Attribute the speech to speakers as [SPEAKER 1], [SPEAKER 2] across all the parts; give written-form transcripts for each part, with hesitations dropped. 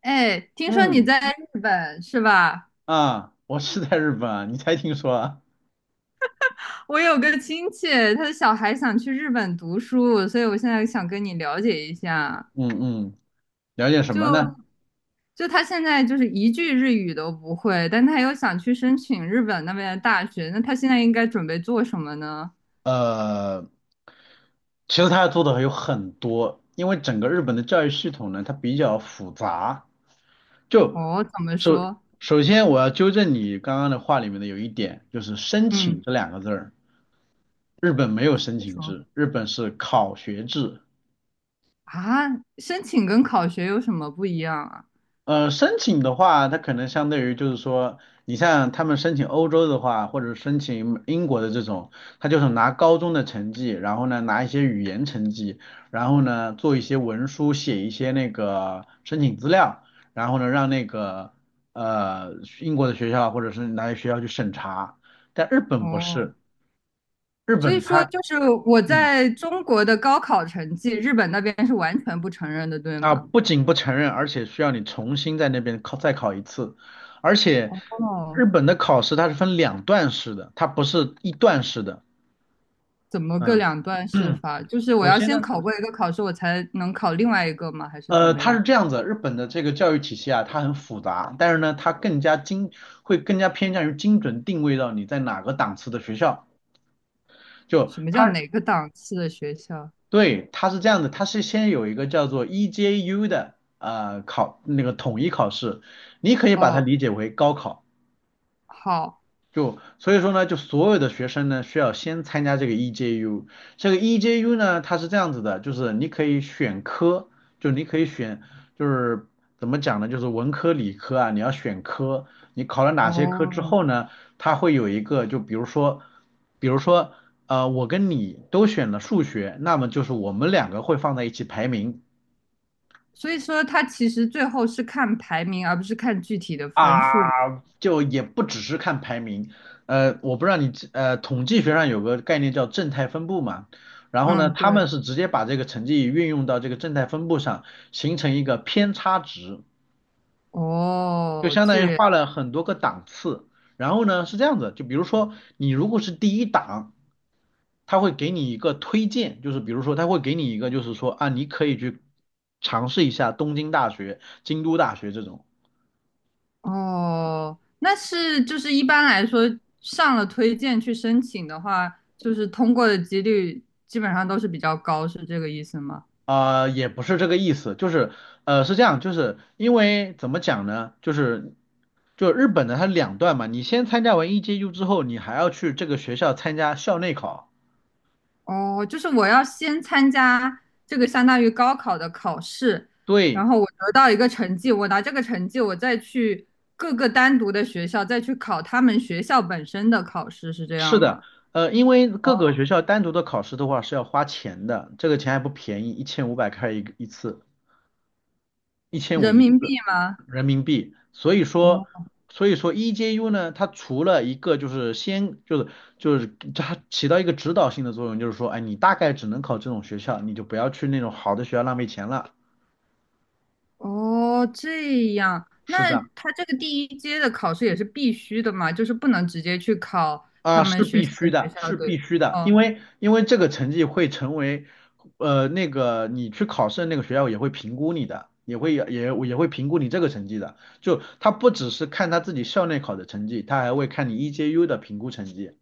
[SPEAKER 1] 哎，听说你
[SPEAKER 2] 嗯。
[SPEAKER 1] 在日本是吧？
[SPEAKER 2] 啊，我是在日本啊，你才听说啊？
[SPEAKER 1] 我有个亲戚，他的小孩想去日本读书，所以我现在想跟你了解一下。
[SPEAKER 2] 嗯嗯，了解什么呢？
[SPEAKER 1] 就就他现在就是一句日语都不会，但他又想去申请日本那边的大学，那他现在应该准备做什么呢？
[SPEAKER 2] 呃，其实他要做的还有很多，因为整个日本的教育系统呢，它比较复杂。就
[SPEAKER 1] 哦，怎么
[SPEAKER 2] 首
[SPEAKER 1] 说？
[SPEAKER 2] 首先我要纠正你刚刚的话里面的有一点，就是申
[SPEAKER 1] 嗯，
[SPEAKER 2] 请这两个字儿，日本没有申请
[SPEAKER 1] 说
[SPEAKER 2] 制，日本是考学制。
[SPEAKER 1] 啊，申请跟考学有什么不一样啊？
[SPEAKER 2] 申请的话，他可能相对于就是说，你像他们申请欧洲的话，或者申请英国的这种，他就是拿高中的成绩，然后呢拿一些语言成绩，然后呢做一些文书，写一些那个申请资料，然后呢让那个呃英国的学校或者是哪些学校去审查。但日本不
[SPEAKER 1] 哦，
[SPEAKER 2] 是，日
[SPEAKER 1] 所以
[SPEAKER 2] 本
[SPEAKER 1] 说
[SPEAKER 2] 它
[SPEAKER 1] 就是我
[SPEAKER 2] 嗯
[SPEAKER 1] 在中国的高考成绩，日本那边是完全不承认的，对
[SPEAKER 2] 啊，
[SPEAKER 1] 吗？
[SPEAKER 2] 不仅不承认，而且需要你重新在那边考再考一次，而且
[SPEAKER 1] 哦，
[SPEAKER 2] 日本的考试它是分两段式的，它不是一段式的。
[SPEAKER 1] 怎么个
[SPEAKER 2] 嗯，
[SPEAKER 1] 两段式法？就是 我
[SPEAKER 2] 首
[SPEAKER 1] 要
[SPEAKER 2] 先呢，
[SPEAKER 1] 先考过一个考试，我才能考另外一个吗？还是怎么
[SPEAKER 2] 它是
[SPEAKER 1] 样？
[SPEAKER 2] 这样子，日本的这个教育体系啊，它很复杂，但是呢，它更加精，会更加偏向于精准定位到你在哪个档次的学校。就
[SPEAKER 1] 什么叫
[SPEAKER 2] 它，
[SPEAKER 1] 哪个档次的学校？
[SPEAKER 2] 对，它是这样的，它是先有一个叫做 EJU 的考那个统一考试，你可以把它
[SPEAKER 1] 哦，
[SPEAKER 2] 理解为高考。
[SPEAKER 1] 好，
[SPEAKER 2] 就所以说呢，就所有的学生呢，需要先参加这个 EJU。这个 EJU 呢，它是这样子的，就是你可以选科，就你可以选，就是怎么讲呢，就是文科、理科啊，你要选科。你考了哪些科之
[SPEAKER 1] 哦，
[SPEAKER 2] 后呢，它会有一个，就比如说，比如说，我跟你都选了数学，那么就是我们两个会放在一起排名。
[SPEAKER 1] 所以说它其实最后是看排名，而不是看具体的分数。
[SPEAKER 2] 啊，就也不只是看排名，我不知道你统计学上有个概念叫正态分布嘛，然后呢，
[SPEAKER 1] 嗯，
[SPEAKER 2] 他们
[SPEAKER 1] 对，
[SPEAKER 2] 是直接把这个成绩运用到这个正态分布上，形成一个偏差值，就
[SPEAKER 1] 哦，
[SPEAKER 2] 相当
[SPEAKER 1] 这
[SPEAKER 2] 于
[SPEAKER 1] 样，
[SPEAKER 2] 画了很多个档次。然后呢，是这样子，就比如说你如果是第一档，他会给你一个推荐，就是比如说他会给你一个，就是说啊，你可以去尝试一下东京大学、京都大学这种。
[SPEAKER 1] 哦，那是就是一般来说上了推荐去申请的话，就是通过的几率基本上都是比较高，是这个意思吗？
[SPEAKER 2] 啊，也不是这个意思，就是是这样，就是因为怎么讲呢，就是就日本的它两段嘛，你先参加完 EJU 之后，你还要去这个学校参加校内考。
[SPEAKER 1] 哦，就是我要先参加这个相当于高考的考试，然
[SPEAKER 2] 对，
[SPEAKER 1] 后我得到一个成绩，我拿这个成绩，我再去各个单独的学校再去考他们学校本身的考试，是这
[SPEAKER 2] 是
[SPEAKER 1] 样
[SPEAKER 2] 的，
[SPEAKER 1] 吗？
[SPEAKER 2] 因为
[SPEAKER 1] 哦，
[SPEAKER 2] 各个学校单独的考试的话是要花钱的，这个钱还不便宜，1500开一个一次，一千五
[SPEAKER 1] 人
[SPEAKER 2] 一
[SPEAKER 1] 民
[SPEAKER 2] 次。
[SPEAKER 1] 币吗？
[SPEAKER 2] 人民币，所以
[SPEAKER 1] 哦
[SPEAKER 2] 说，EJU 呢，它除了一个就是先就是就是它起到一个指导性的作用，就是说，哎，你大概只能考这种学校，你就不要去那种好的学校浪费钱了。
[SPEAKER 1] 哦，这样，
[SPEAKER 2] 是
[SPEAKER 1] 那
[SPEAKER 2] 的，
[SPEAKER 1] 他这个第一阶的考试也是必须的嘛，就是不能直接去考他
[SPEAKER 2] 啊，
[SPEAKER 1] 们
[SPEAKER 2] 是
[SPEAKER 1] 学
[SPEAKER 2] 必
[SPEAKER 1] 校
[SPEAKER 2] 须
[SPEAKER 1] 的学
[SPEAKER 2] 的，
[SPEAKER 1] 校
[SPEAKER 2] 是
[SPEAKER 1] 对。
[SPEAKER 2] 必须的，因
[SPEAKER 1] 哦
[SPEAKER 2] 为因为这个成绩会成为，那个你去考试的那个学校也会评估你的。也会也也会评估你这个成绩的，就他不只是看他自己校内考的成绩，他还会看你 EJU 的评估成绩。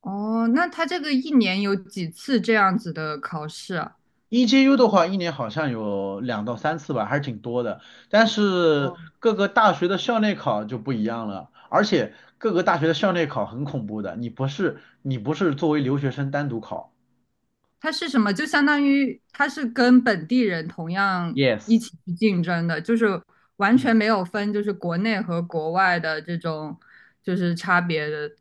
[SPEAKER 1] 哦，那他这个一年有几次这样子的考试啊？
[SPEAKER 2] EJU 的话，一年好像有2到3次吧，还是挺多的。但是各个大学的校内考就不一样了，而且各个大学的校内考很恐怖的，你不是作为留学生单独考，
[SPEAKER 1] 它是什么？就相当于它是跟本地人同样一
[SPEAKER 2] ？Yes，
[SPEAKER 1] 起去竞争的，就是完
[SPEAKER 2] 嗯。
[SPEAKER 1] 全没有分，就是国内和国外的这种就是差别的。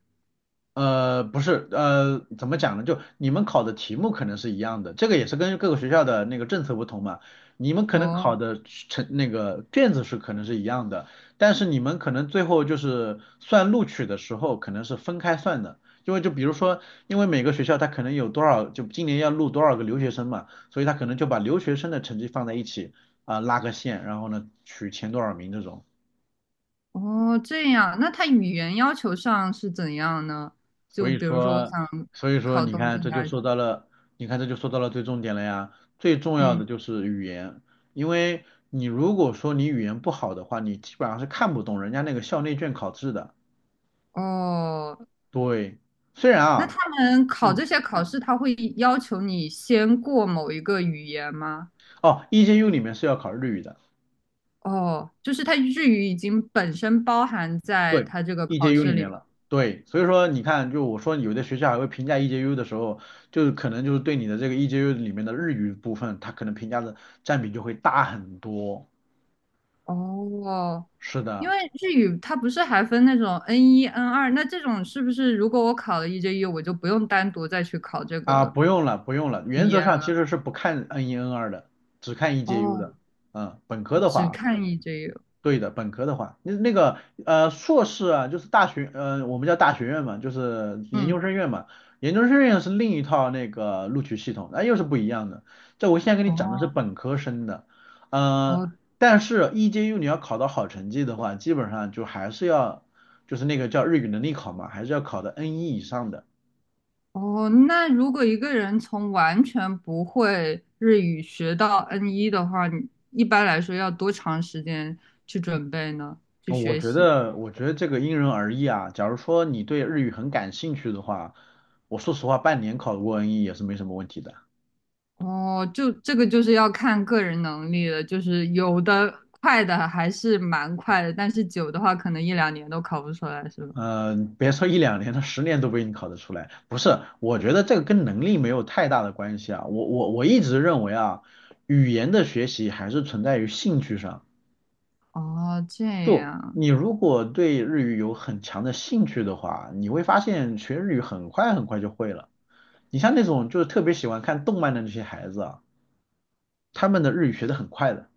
[SPEAKER 2] 不是，怎么讲呢？就你们考的题目可能是一样的，这个也是跟各个学校的那个政策不同嘛。你们可能考
[SPEAKER 1] 哦
[SPEAKER 2] 的成那个卷子是可能是一样的，但是你们可能最后就是算录取的时候可能是分开算的，因为就比如说，因为每个学校它可能有多少，就今年要录多少个留学生嘛，所以他可能就把留学生的成绩放在一起啊，拉个线，然后呢取前多少名这种。
[SPEAKER 1] 哦，这样，那它语言要求上是怎样呢？
[SPEAKER 2] 所
[SPEAKER 1] 就
[SPEAKER 2] 以
[SPEAKER 1] 比如说，我
[SPEAKER 2] 说，
[SPEAKER 1] 想
[SPEAKER 2] 所以说，
[SPEAKER 1] 考
[SPEAKER 2] 你
[SPEAKER 1] 东
[SPEAKER 2] 看，
[SPEAKER 1] 京
[SPEAKER 2] 这就
[SPEAKER 1] 大学，
[SPEAKER 2] 说到了，你看这就说到了最重点了呀。最重要
[SPEAKER 1] 嗯，
[SPEAKER 2] 的就是语言，因为你如果说你语言不好的话，你基本上是看不懂人家那个校内卷考试的。
[SPEAKER 1] 哦，
[SPEAKER 2] 对，虽然
[SPEAKER 1] 那他
[SPEAKER 2] 啊，
[SPEAKER 1] 们考
[SPEAKER 2] 嗯，
[SPEAKER 1] 这些考试，他会要求你先过某一个语言吗？
[SPEAKER 2] 哦，EJU 里面是要考日语的，
[SPEAKER 1] 哦，就是它日语已经本身包含在
[SPEAKER 2] 对
[SPEAKER 1] 它这个考
[SPEAKER 2] ，EJU 里
[SPEAKER 1] 试
[SPEAKER 2] 面
[SPEAKER 1] 里。
[SPEAKER 2] 了。对，所以说你看，就我说有的学校还会评价 EJU 的时候，就是可能就是对你的这个 EJU 里面的日语部分，它可能评价的占比就会大很多。
[SPEAKER 1] 哦，
[SPEAKER 2] 是
[SPEAKER 1] 因
[SPEAKER 2] 的。
[SPEAKER 1] 为日语它不是还分那种 N 一、N2，那这种是不是如果我考了 e j u 我就不用单独再去考这
[SPEAKER 2] 啊，
[SPEAKER 1] 个
[SPEAKER 2] 不用了，不用了。
[SPEAKER 1] 语
[SPEAKER 2] 原则
[SPEAKER 1] 言
[SPEAKER 2] 上其
[SPEAKER 1] 了？
[SPEAKER 2] 实是不看 N1、N2的，只看 EJU
[SPEAKER 1] 哦，
[SPEAKER 2] 的。嗯，本科的
[SPEAKER 1] 只
[SPEAKER 2] 话，
[SPEAKER 1] 看 e j u
[SPEAKER 2] 对的，本科的话，那个硕士啊，就是大学，我们叫大学院嘛，就是研究
[SPEAKER 1] 嗯，
[SPEAKER 2] 生院嘛。研究生院是另一套那个录取系统，那、又是不一样的。这我现在跟你讲的是
[SPEAKER 1] 哦
[SPEAKER 2] 本科生的，呃，
[SPEAKER 1] 哦
[SPEAKER 2] 但是 EJU 你要考到好成绩的话，基本上就还是要，就是那个叫日语能力考嘛，还是要考到 n 一以上的。
[SPEAKER 1] 哦，那如果一个人从完全不会日语学到 N 一的话，你一般来说要多长时间去准备呢？去
[SPEAKER 2] 我
[SPEAKER 1] 学
[SPEAKER 2] 觉
[SPEAKER 1] 习？
[SPEAKER 2] 得，我觉得这个因人而异啊。假如说你对日语很感兴趣的话，我说实话，半年考过 N1 也是没什么问题的。
[SPEAKER 1] 哦，就这个就是要看个人能力了，就是有的快的还是蛮快的，但是久的话可能一两年都考不出来，是吧？
[SPEAKER 2] 嗯、别说一两年他10年都不一定考得出来。不是，我觉得这个跟能力没有太大的关系啊。我一直认为啊，语言的学习还是存在于兴趣上。
[SPEAKER 1] 哦，这
[SPEAKER 2] 就
[SPEAKER 1] 样，
[SPEAKER 2] 你如果对日语有很强的兴趣的话，你会发现学日语很快很快就会了。你像那种就是特别喜欢看动漫的那些孩子啊，他们的日语学得很快的。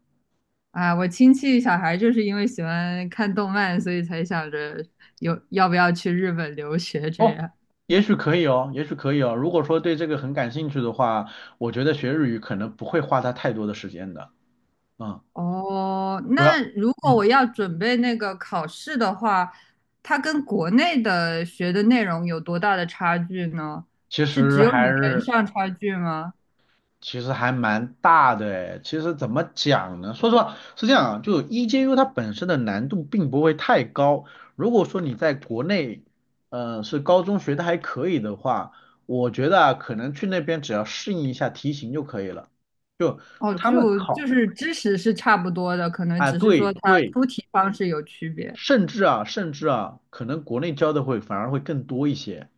[SPEAKER 1] 啊，我亲戚小孩就是因为喜欢看动漫，所以才想着有要不要去日本留学这
[SPEAKER 2] 哦，
[SPEAKER 1] 样。
[SPEAKER 2] 也许可以哦，也许可以哦。如果说对这个很感兴趣的话，我觉得学日语可能不会花他太多的时间的。嗯，
[SPEAKER 1] 哦，
[SPEAKER 2] 主要，
[SPEAKER 1] 那如果我
[SPEAKER 2] 嗯，
[SPEAKER 1] 要准备那个考试的话，它跟国内的学的内容有多大的差距呢？
[SPEAKER 2] 其
[SPEAKER 1] 是只
[SPEAKER 2] 实
[SPEAKER 1] 有
[SPEAKER 2] 还
[SPEAKER 1] 语言
[SPEAKER 2] 是
[SPEAKER 1] 上差距吗？
[SPEAKER 2] 其实还蛮大的诶。其实怎么讲呢？说实话是这样啊，就 EJU 它本身的难度并不会太高。如果说你在国内，是高中学的还可以的话，我觉得啊可能去那边只要适应一下题型就可以了。就
[SPEAKER 1] 哦，
[SPEAKER 2] 他们
[SPEAKER 1] 就
[SPEAKER 2] 考
[SPEAKER 1] 是知识是差不多的，可能
[SPEAKER 2] 啊，
[SPEAKER 1] 只是说
[SPEAKER 2] 对
[SPEAKER 1] 它
[SPEAKER 2] 对
[SPEAKER 1] 出题方式有区别。
[SPEAKER 2] 甚至啊，可能国内教的会反而会更多一些。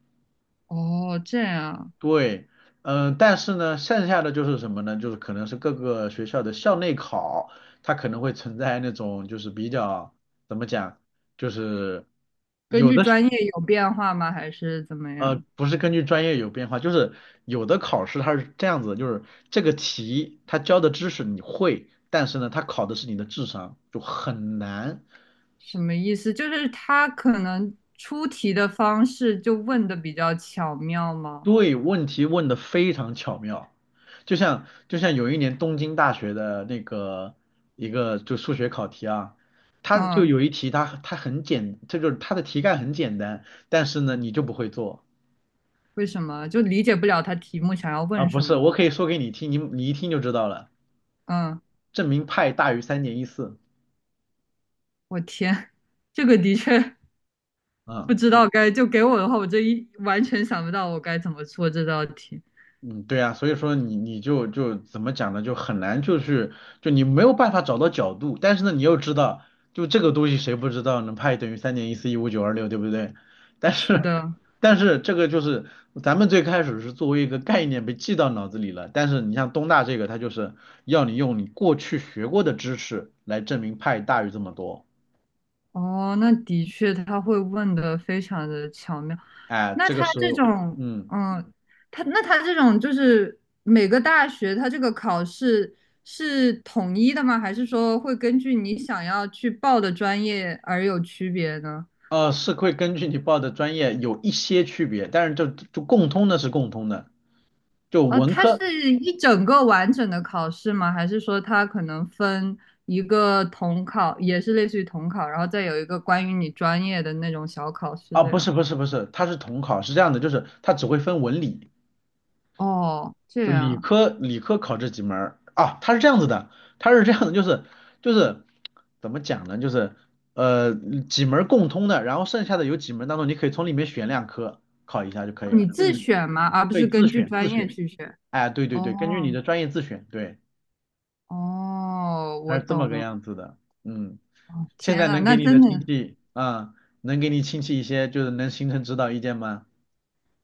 [SPEAKER 1] 哦，这样，
[SPEAKER 2] 对，嗯、但是呢，剩下的就是什么呢？就是可能是各个学校的校内考，它可能会存在那种就是比较怎么讲，就是
[SPEAKER 1] 根据专业有变化吗？还是怎么样？
[SPEAKER 2] 不是根据专业有变化，就是有的考试它是这样子的就是这个题它教的知识你会，但是呢，它考的是你的智商，就很难。
[SPEAKER 1] 什么意思？就是他可能出题的方式就问的比较巧妙吗？
[SPEAKER 2] 对，问题问的非常巧妙，就像有一年东京大学的那个一个就数学考题啊，它就
[SPEAKER 1] 嗯，
[SPEAKER 2] 有一题它这就是它的题干很简单，但是呢你就不会做
[SPEAKER 1] 为什么？就理解不了他题目想要
[SPEAKER 2] 啊，
[SPEAKER 1] 问
[SPEAKER 2] 不
[SPEAKER 1] 什
[SPEAKER 2] 是，
[SPEAKER 1] 么
[SPEAKER 2] 我
[SPEAKER 1] 吗？
[SPEAKER 2] 可以说给你听，你一听就知道了，
[SPEAKER 1] 嗯，
[SPEAKER 2] 证明派大于三点一四
[SPEAKER 1] 我天，这个的确
[SPEAKER 2] 啊，
[SPEAKER 1] 不知道该，就给我的话，我这一完全想不到我该怎么做这道题。
[SPEAKER 2] 嗯，对啊，所以说你就怎么讲呢，就很难，就是就你没有办法找到角度，但是呢，你又知道，就这个东西谁不知道呢？派等于3.1415926，对不对？但
[SPEAKER 1] 是
[SPEAKER 2] 是
[SPEAKER 1] 的，
[SPEAKER 2] 但是这个就是咱们最开始是作为一个概念被记到脑子里了，但是你像东大这个，它就是要你用你过去学过的知识来证明派大于这么多，
[SPEAKER 1] 哦，那的确他会问的非常的巧妙。
[SPEAKER 2] 哎，
[SPEAKER 1] 那
[SPEAKER 2] 这个
[SPEAKER 1] 他
[SPEAKER 2] 时
[SPEAKER 1] 这
[SPEAKER 2] 候，
[SPEAKER 1] 种，
[SPEAKER 2] 嗯。
[SPEAKER 1] 嗯，他那他这种就是每个大学他这个考试是统一的吗？还是说会根据你想要去报的专业而有区别呢？
[SPEAKER 2] 是会根据你报的专业有一些区别，但是就就共通的是共通的，就
[SPEAKER 1] 哦，
[SPEAKER 2] 文
[SPEAKER 1] 它是
[SPEAKER 2] 科
[SPEAKER 1] 一整个完整的考试吗？还是说它可能分一个统考，也是类似于统考，然后再有一个关于你专业的那种小考试
[SPEAKER 2] 啊，
[SPEAKER 1] 这
[SPEAKER 2] 不是
[SPEAKER 1] 样？
[SPEAKER 2] 不是不是，它是统考，是这样的，就是它只会分文理，
[SPEAKER 1] 哦，这
[SPEAKER 2] 就
[SPEAKER 1] 样
[SPEAKER 2] 理
[SPEAKER 1] 啊
[SPEAKER 2] 科理科考这几门儿啊，它是这样子的，它是这样的，就是就是怎么讲呢，就是呃几门儿共通的，然后剩下的有几门当中你可以从里面选两科考一下就可
[SPEAKER 1] 哦
[SPEAKER 2] 以
[SPEAKER 1] 你
[SPEAKER 2] 了，就
[SPEAKER 1] 自
[SPEAKER 2] 你
[SPEAKER 1] 选吗？而不是
[SPEAKER 2] 对自
[SPEAKER 1] 根据
[SPEAKER 2] 选自
[SPEAKER 1] 专业
[SPEAKER 2] 选，
[SPEAKER 1] 去选？
[SPEAKER 2] 哎，对对对，
[SPEAKER 1] 哦
[SPEAKER 2] 根据你的专业自选，对，
[SPEAKER 1] 哦，
[SPEAKER 2] 它
[SPEAKER 1] 我
[SPEAKER 2] 是这么
[SPEAKER 1] 懂
[SPEAKER 2] 个
[SPEAKER 1] 了。
[SPEAKER 2] 样子的，嗯，
[SPEAKER 1] 哦
[SPEAKER 2] 现
[SPEAKER 1] 天
[SPEAKER 2] 在
[SPEAKER 1] 呐，
[SPEAKER 2] 能给
[SPEAKER 1] 那
[SPEAKER 2] 你的
[SPEAKER 1] 真
[SPEAKER 2] 亲
[SPEAKER 1] 的
[SPEAKER 2] 戚啊、能给你亲戚一些就是能形成指导意见吗？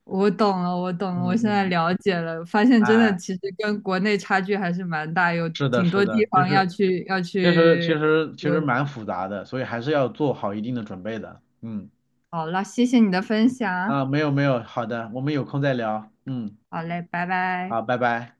[SPEAKER 1] 我懂了，我懂了，我
[SPEAKER 2] 嗯
[SPEAKER 1] 现在
[SPEAKER 2] 嗯，
[SPEAKER 1] 了解了，发现真的
[SPEAKER 2] 哎。
[SPEAKER 1] 其实跟国内差距还是蛮大，有
[SPEAKER 2] 是的，
[SPEAKER 1] 挺
[SPEAKER 2] 是
[SPEAKER 1] 多
[SPEAKER 2] 的，
[SPEAKER 1] 地
[SPEAKER 2] 其
[SPEAKER 1] 方要
[SPEAKER 2] 实
[SPEAKER 1] 去要
[SPEAKER 2] 其实其
[SPEAKER 1] 去
[SPEAKER 2] 实其实
[SPEAKER 1] 有。
[SPEAKER 2] 蛮复杂的，所以还是要做好一定的准备的。嗯，
[SPEAKER 1] 好了，谢谢你的分享。
[SPEAKER 2] 啊，没有没有，好的，我们有空再聊。嗯，
[SPEAKER 1] 好嘞，拜拜。
[SPEAKER 2] 好，拜拜。